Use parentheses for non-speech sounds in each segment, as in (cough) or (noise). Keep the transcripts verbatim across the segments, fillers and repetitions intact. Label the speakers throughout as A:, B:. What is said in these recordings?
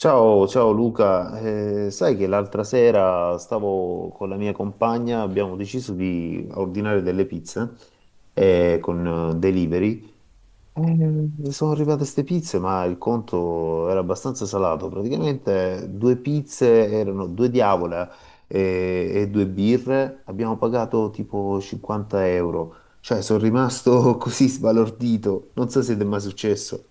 A: Ciao, ciao Luca. Eh, sai che l'altra sera stavo con la mia compagna, abbiamo deciso di ordinare delle pizze eh, con eh, delivery. Eh, sono arrivate queste pizze, ma il conto era abbastanza salato. Praticamente due pizze erano due diavola eh, e, due birre, abbiamo pagato tipo cinquanta euro. Cioè, sono rimasto (laughs) così sbalordito. Non so se ti è mai successo.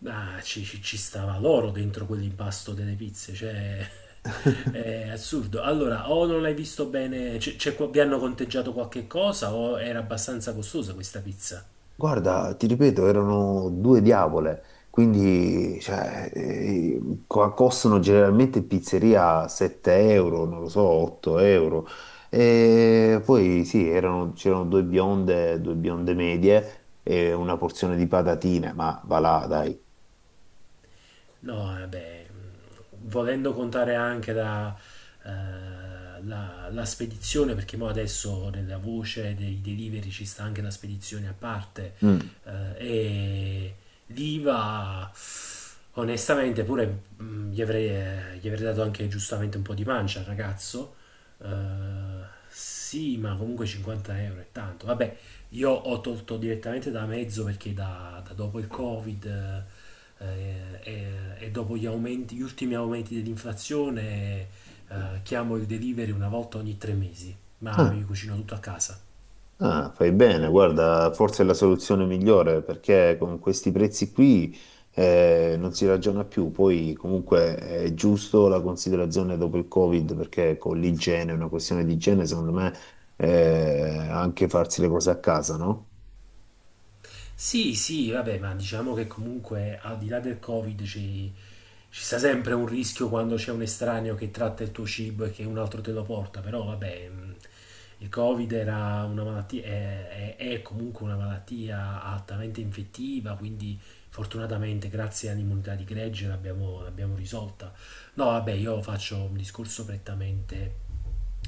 B: Ma ci, ci- ci stava l'oro dentro quell'impasto delle pizze, cioè (laughs) è assurdo. Allora, o non l'hai visto bene, c'è- c'è qua- vi hanno conteggiato qualche cosa o era abbastanza costosa questa pizza?
A: Guarda, ti ripeto, erano due diavole, quindi cioè, eh, co- costano generalmente in pizzeria sette euro, non lo so, otto euro. E poi sì, erano- c'erano due bionde, due bionde medie e una porzione di patatine, ma va là, dai.
B: No, vabbè, volendo contare anche la, eh, la- la spedizione, perché mo adesso nella voce dei delivery ci sta anche la spedizione a parte,
A: Mm.
B: eh, e l'I V A, onestamente, pure mm, gli avrei, eh, gli avrei dato anche giustamente un po' di pancia al ragazzo, eh, sì, ma comunque cinquanta euro è tanto. Vabbè, io ho tolto direttamente da mezzo perché da, da dopo il Covid eh, e, e dopo gli aumenti, gli ultimi aumenti dell'inflazione, eh, chiamo il delivery una volta ogni tre mesi, ma
A: Ah,
B: mi cucino tutto a casa.
A: ah, fai bene, guarda, forse è la soluzione migliore perché con questi prezzi qui eh, non si ragiona più. Poi comunque è giusto la considerazione dopo il Covid perché con l'igiene, è una questione di igiene, secondo me eh, anche farsi le cose a casa, no?
B: Sì, sì, vabbè, ma diciamo che comunque al di là del Covid ci, ci sta sempre un rischio quando c'è un estraneo che tratta il tuo cibo e che un altro te lo porta, però vabbè, mh, il Covid era una malattia, è, è- è comunque una malattia altamente infettiva, quindi fortunatamente grazie all'immunità di gregge l'abbiamo l'abbiamo risolta. No, vabbè, io faccio un discorso prettamente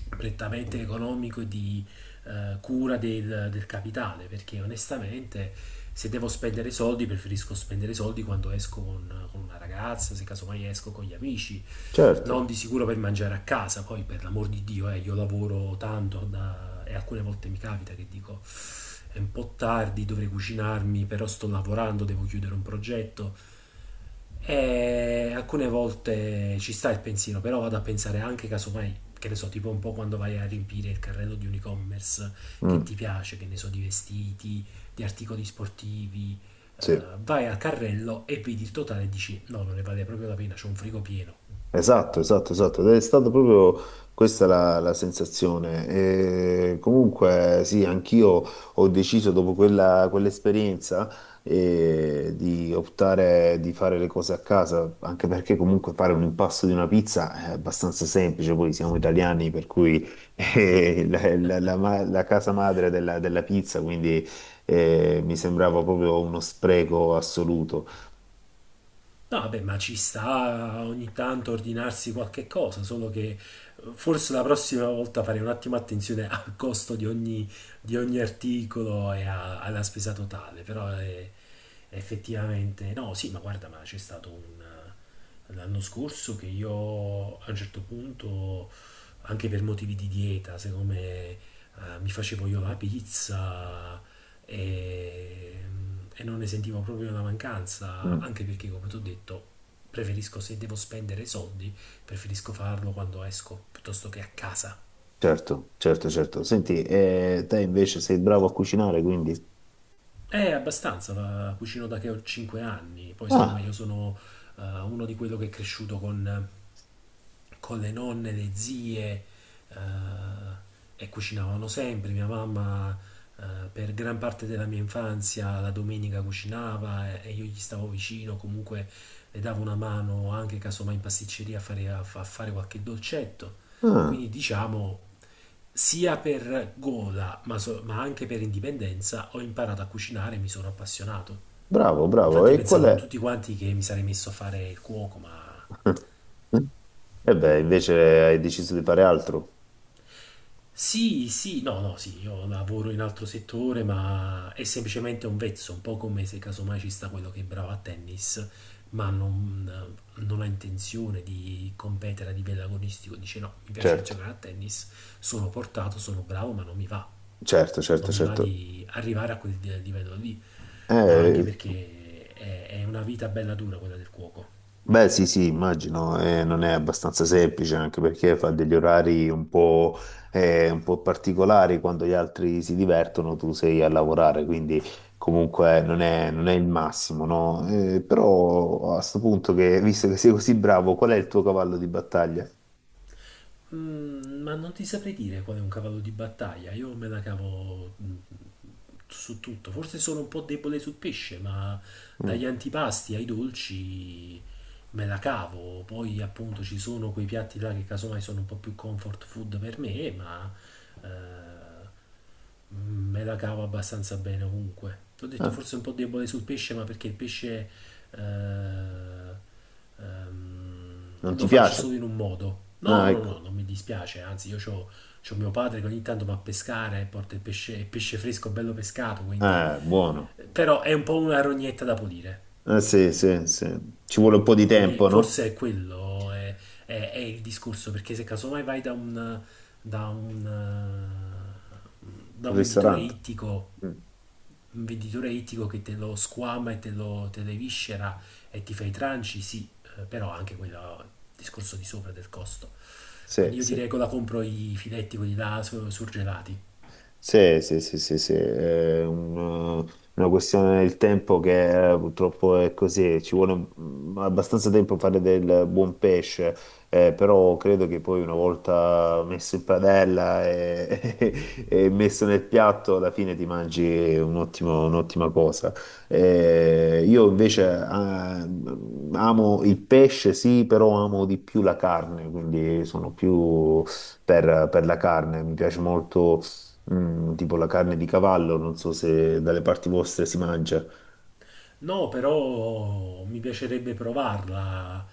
B: prettamente economico e di, eh, cura del, del capitale, perché onestamente se devo spendere soldi preferisco spendere soldi quando esco con, con una ragazza, se casomai esco con gli amici, non
A: Certo.
B: di sicuro per mangiare a casa, poi per l'amor di Dio, eh, io lavoro tanto da- e alcune volte mi capita che dico è un po' tardi, dovrei cucinarmi, però sto lavorando, devo chiudere un progetto e alcune volte ci sta il pensiero, però vado a pensare anche casomai, che ne so, tipo un po' quando vai a riempire il carrello di un e-commerce che
A: Mm,
B: ti piace, che ne so, di vestiti, di articoli sportivi, eh,
A: sì.
B: vai al carrello e vedi il totale e dici no, non ne vale proprio la pena, c'ho un frigo pieno.
A: Esatto, esatto, esatto. Ed è stata proprio questa la, la sensazione. E comunque, sì, anch'io ho deciso dopo quella, quell'esperienza eh, di optare di fare le cose a casa, anche perché comunque fare un impasto di una pizza è abbastanza semplice. Poi siamo italiani, per cui (laughs) è la, la- la ma- la casa madre della, della pizza, quindi eh, mi sembrava proprio uno spreco assoluto.
B: No, vabbè, ma ci sta ogni tanto ordinarsi qualche cosa, solo che eh, forse la prossima volta farei un attimo attenzione al costo di ogni, di ogni articolo e a- alla spesa totale, però è- effettivamente no, sì, ma guarda, ma c'è stato un l'anno scorso che io a un certo punto, anche per motivi di dieta, siccome eh, mi facevo io la pizza e, e non ne sentivo proprio la mancanza,
A: Mm.
B: anche perché, come ti ho detto, preferisco se devo spendere soldi, preferisco farlo quando esco piuttosto che a casa.
A: Certo, certo, certo. Senti, eh, te invece sei bravo a cucinare, quindi...
B: È abbastanza, la cucino da che ho 5 anni, poi sai come io
A: Ah,
B: sono eh, uno di quello che è cresciuto con con le nonne, le zie eh, e cucinavano sempre. Mia mamma eh, per gran parte della mia infanzia la domenica cucinava e, e io gli stavo vicino, comunque le davo una mano anche casomai in pasticceria a fare, a fa- a fare qualche dolcetto.
A: ah,
B: Quindi diciamo sia per gola ma, so- ma anche per indipendenza ho imparato a cucinare e mi sono appassionato.
A: bravo, bravo.
B: Infatti
A: E qual
B: pensavano
A: è?
B: tutti quanti che mi sarei messo a fare il cuoco, ma
A: (laughs) E beh, invece hai deciso di fare altro.
B: Sì, sì, no, no, sì, io lavoro in altro settore, ma è semplicemente un vezzo, un po' come se casomai ci sta quello che è bravo a tennis, ma non, non ha intenzione di competere a livello agonistico, dice no, mi piace
A: Certo,
B: giocare a tennis, sono portato, sono bravo, ma non mi va,
A: certo, certo,
B: non mi va
A: certo.
B: di arrivare a quel livello lì, ma anche
A: Eh,
B: perché è, è una vita bella dura quella del cuoco.
A: beh, sì, sì, immagino, eh, non è abbastanza semplice anche perché fa degli orari un po', eh, un po' particolari quando gli altri si divertono, tu sei a lavorare, quindi comunque non è, non è il massimo, no? Eh, però a sto punto che, visto che sei così bravo, qual è il tuo cavallo di battaglia?
B: Mm, ma non ti saprei dire qual è un cavallo di battaglia. Io me la cavo mm, su tutto. Forse sono un po' debole sul pesce, ma dagli
A: Mm.
B: antipasti ai dolci me la cavo. Poi appunto ci sono quei piatti là che casomai sono un po' più comfort food per me, ma eh, me la cavo abbastanza bene ovunque. Ti ho detto
A: Ah,
B: forse un po' debole sul pesce, ma perché il pesce eh, ehm,
A: non ti
B: lo faccio solo
A: piace?
B: in un modo. No,
A: Ah,
B: no, no,
A: ecco.
B: non mi dispiace, anzi io c'ho, c'ho mio padre che ogni tanto va a pescare e porta il pesce, il pesce fresco bello pescato, quindi...
A: Eh, buono.
B: eh, Però è un po' una rognetta da pulire.
A: Eh, sì, sì, sì. Ci vuole un po' di
B: Quindi
A: tempo, no?
B: forse è quello, è, è- è il discorso, perché se casomai vai da un, da un, eh, da
A: Un
B: un venditore
A: ristorante.
B: ittico,
A: Mm.
B: un venditore ittico, che te lo squama e te lo, te le viscera e ti fa i tranci, sì, eh, però anche quello è il discorso di sopra del costo.
A: Sì,
B: Quindi io di
A: sì.
B: regola compro i filetti, quelli là su- surgelati.
A: Sì, sì, sì, sì, sì, è un- una questione del tempo che eh, purtroppo è così, ci vuole mm, abbastanza tempo per fare del buon pesce, eh, però credo che poi una volta messo in padella e, (laughs) e messo nel piatto, alla fine ti mangi un ottimo- un'ottima cosa. Eh, io invece ah, mm, amo il pesce, sì, però amo di più la carne, quindi sono più per per la carne, mi piace molto. Mm, tipo la carne di cavallo, non so se dalle parti vostre si mangia.
B: No, però mi piacerebbe provarla,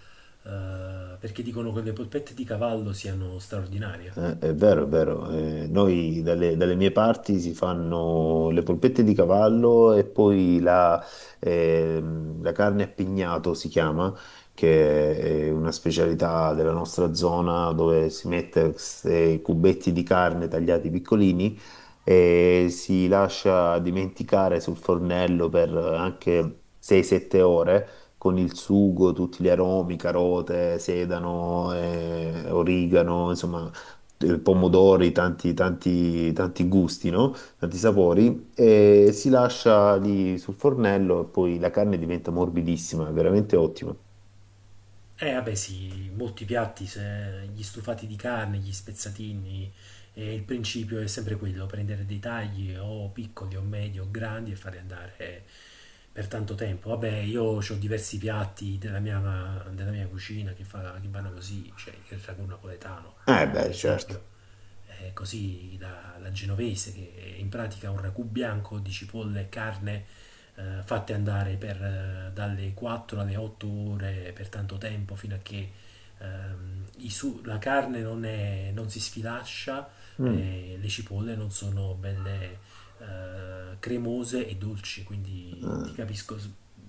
B: eh, perché dicono che le polpette di cavallo siano straordinarie.
A: Eh, è vero, è vero. Eh, noi dalle, dalle mie parti si fanno le polpette di cavallo e poi la, ehm, la carne a pignato si chiama, che è una specialità della nostra zona dove si mette questi cubetti di carne tagliati piccolini e si lascia dimenticare sul fornello per anche sei sette ore, con il sugo, tutti gli aromi, carote, sedano, eh, origano, insomma, eh, pomodori, tanti, tanti, tanti gusti, no? Tanti sapori, e si lascia lì sul fornello e poi la carne diventa morbidissima, è veramente ottima.
B: Eh, vabbè, sì, molti piatti, se- gli stufati di carne, gli spezzatini, eh, il principio è sempre quello, prendere dei tagli o piccoli o medi o grandi e farli andare eh, per tanto tempo. Vabbè, io ho diversi piatti della mia, della mia cucina che, fa- che vanno così, cioè il ragù napoletano,
A: Eh
B: per
A: beh, certo.
B: esempio eh, così la, la genovese, che è in pratica un ragù bianco di cipolle e carne eh, fatte andare per, eh, dalle quattro alle otto ore per tanto tempo fino a che ehm, i su- la carne non, è- non si sfilaccia
A: Mm.
B: e le cipolle non sono belle eh, cremose e dolci, quindi ti
A: Ah.
B: capisco,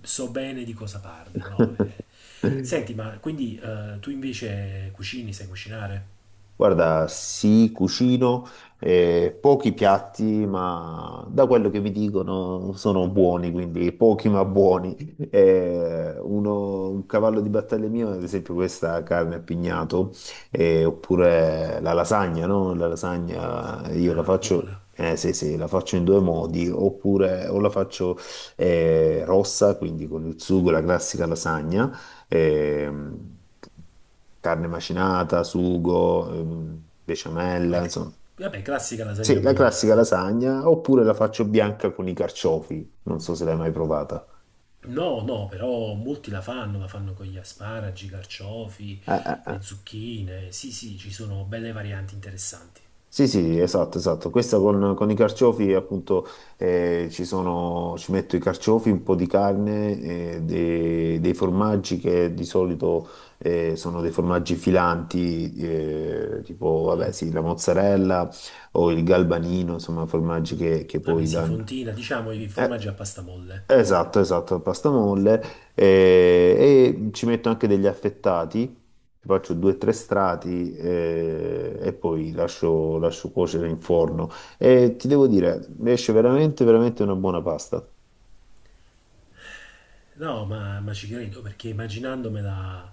B: so bene di cosa parli, no? eh.
A: (laughs)
B: Senti, ma quindi eh, tu invece cucini, sai cucinare?
A: Guarda, sì, cucino eh, pochi piatti, ma da quello che mi dicono sono buoni, quindi pochi ma buoni. Eh, uno- un cavallo di battaglia mio, ad esempio, questa carne a pignato, eh, oppure la lasagna, no? La lasagna io la
B: Ah, buona.
A: faccio, eh, sì, sì, la faccio in due modi, oppure o la faccio eh, rossa, quindi con il sugo, la classica lasagna ehm, carne macinata, sugo, ehm, besciamella,
B: Vabbè,
A: insomma.
B: vabbè, classica
A: Sì,
B: lasagna
A: la classica
B: bolognese.
A: lasagna, oppure la faccio bianca con i carciofi, non so se l'hai mai provata.
B: No, no, però molti la fanno, la fanno con gli asparagi, i carciofi,
A: Eh, eh,
B: le
A: eh.
B: zucchine. Sì, sì, ci sono belle varianti interessanti.
A: Sì, sì, esatto, esatto. Questa con, con i carciofi, appunto, eh, ci sono, ci metto i carciofi, un po' di carne, eh, de- dei formaggi che di solito eh, sono dei formaggi filanti, eh, tipo, vabbè,
B: Mm.
A: sì, la mozzarella o il galbanino, insomma, formaggi che, che
B: Vabbè,
A: poi
B: sì,
A: danno.
B: fontina, diciamo i formaggi
A: Eh.
B: a pasta molle.
A: Esatto, esatto, la pasta molle eh, e, ci metto anche degli affettati, ci faccio due o tre strati eh, e poi lascio, lascio cuocere in forno. E ti devo dire, esce veramente, veramente una buona pasta.
B: No, ma, ma ci credo perché immaginandomela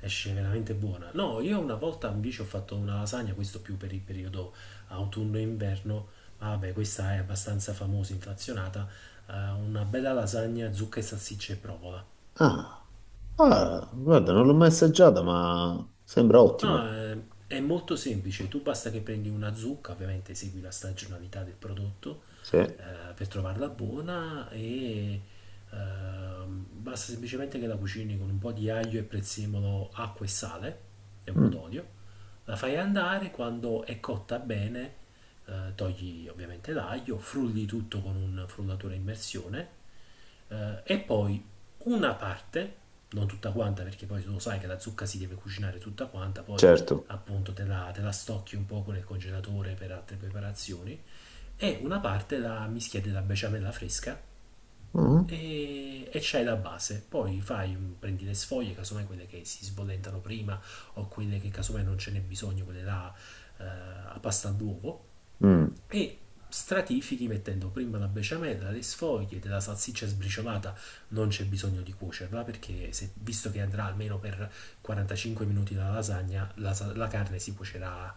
B: esce veramente buona. No, io una volta invece ho fatto una lasagna, questo più per il periodo autunno-inverno. ma Vabbè, questa è abbastanza famosa, inflazionata. Eh, una bella lasagna, zucca e salsiccia e provola.
A: Ah, ah, guarda, non l'ho mai assaggiata, ma sembra ottima.
B: No, è, è molto semplice, tu basta che prendi una zucca, ovviamente segui la stagionalità del prodotto
A: Sì,
B: eh, per trovarla buona e ehm, basta semplicemente che la cucini con un po' di aglio e prezzemolo, acqua e sale e un po'
A: mm,
B: d'olio, la fai andare, quando è cotta bene eh, togli ovviamente l'aglio, frulli tutto con un frullatore a immersione eh, e poi una parte, non tutta quanta perché poi tu lo sai che la zucca si deve cucinare tutta quanta, poi
A: certo.
B: appunto te la, te la stocchi un poco nel congelatore per altre preparazioni, e una parte la mischia della besciamella fresca
A: Mhm.
B: e, e c'hai la base. Poi fai, un- prendi le sfoglie, casomai quelle che si sbollentano prima o quelle che casomai non ce n'è bisogno, quelle là eh, a pasta all'uovo,
A: Mm,
B: e stratifichi mettendo prima la besciamella, le sfoglie della salsiccia sbriciolata, non c'è bisogno di cuocerla perché se- visto che andrà almeno per quarantacinque minuti la lasagna, la, sa- la carne si cuocerà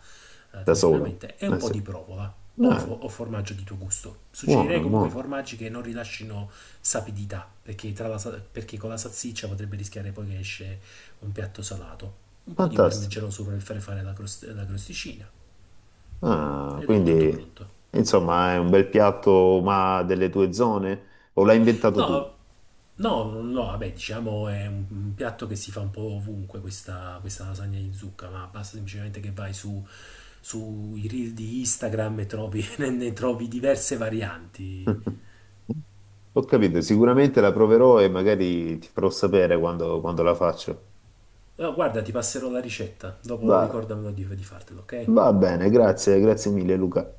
B: eh,
A: da sola.
B: tranquillamente e un
A: Eh
B: po'
A: sì.
B: di provola o,
A: Eh,
B: fo- o formaggio di tuo gusto. Suggerirei
A: buono,
B: comunque
A: buono,
B: formaggi che non rilascino sapidità perché, tra la sa- perché con la salsiccia potrebbe rischiare poi che esce un piatto salato. Un po' di
A: fantastico.
B: parmigiano sopra per fare fare la, crost- la crosticina
A: Ah,
B: ed è tutto
A: quindi
B: pronto.
A: insomma è un bel piatto, ma delle tue zone? O l'hai inventato tu?
B: No, no, no, vabbè, diciamo è un, un piatto che si fa un po' ovunque questa, questa, lasagna di zucca, ma basta semplicemente che vai su, sui reel di Instagram e trovi, (laughs) ne, ne trovi diverse varianti.
A: (laughs) Ho capito, sicuramente la proverò e magari ti farò sapere quando, quando la faccio.
B: No, guarda, ti passerò la ricetta, dopo
A: Va,
B: ricordamelo di, di fartelo, ok?
A: va bene, grazie, grazie mille Luca.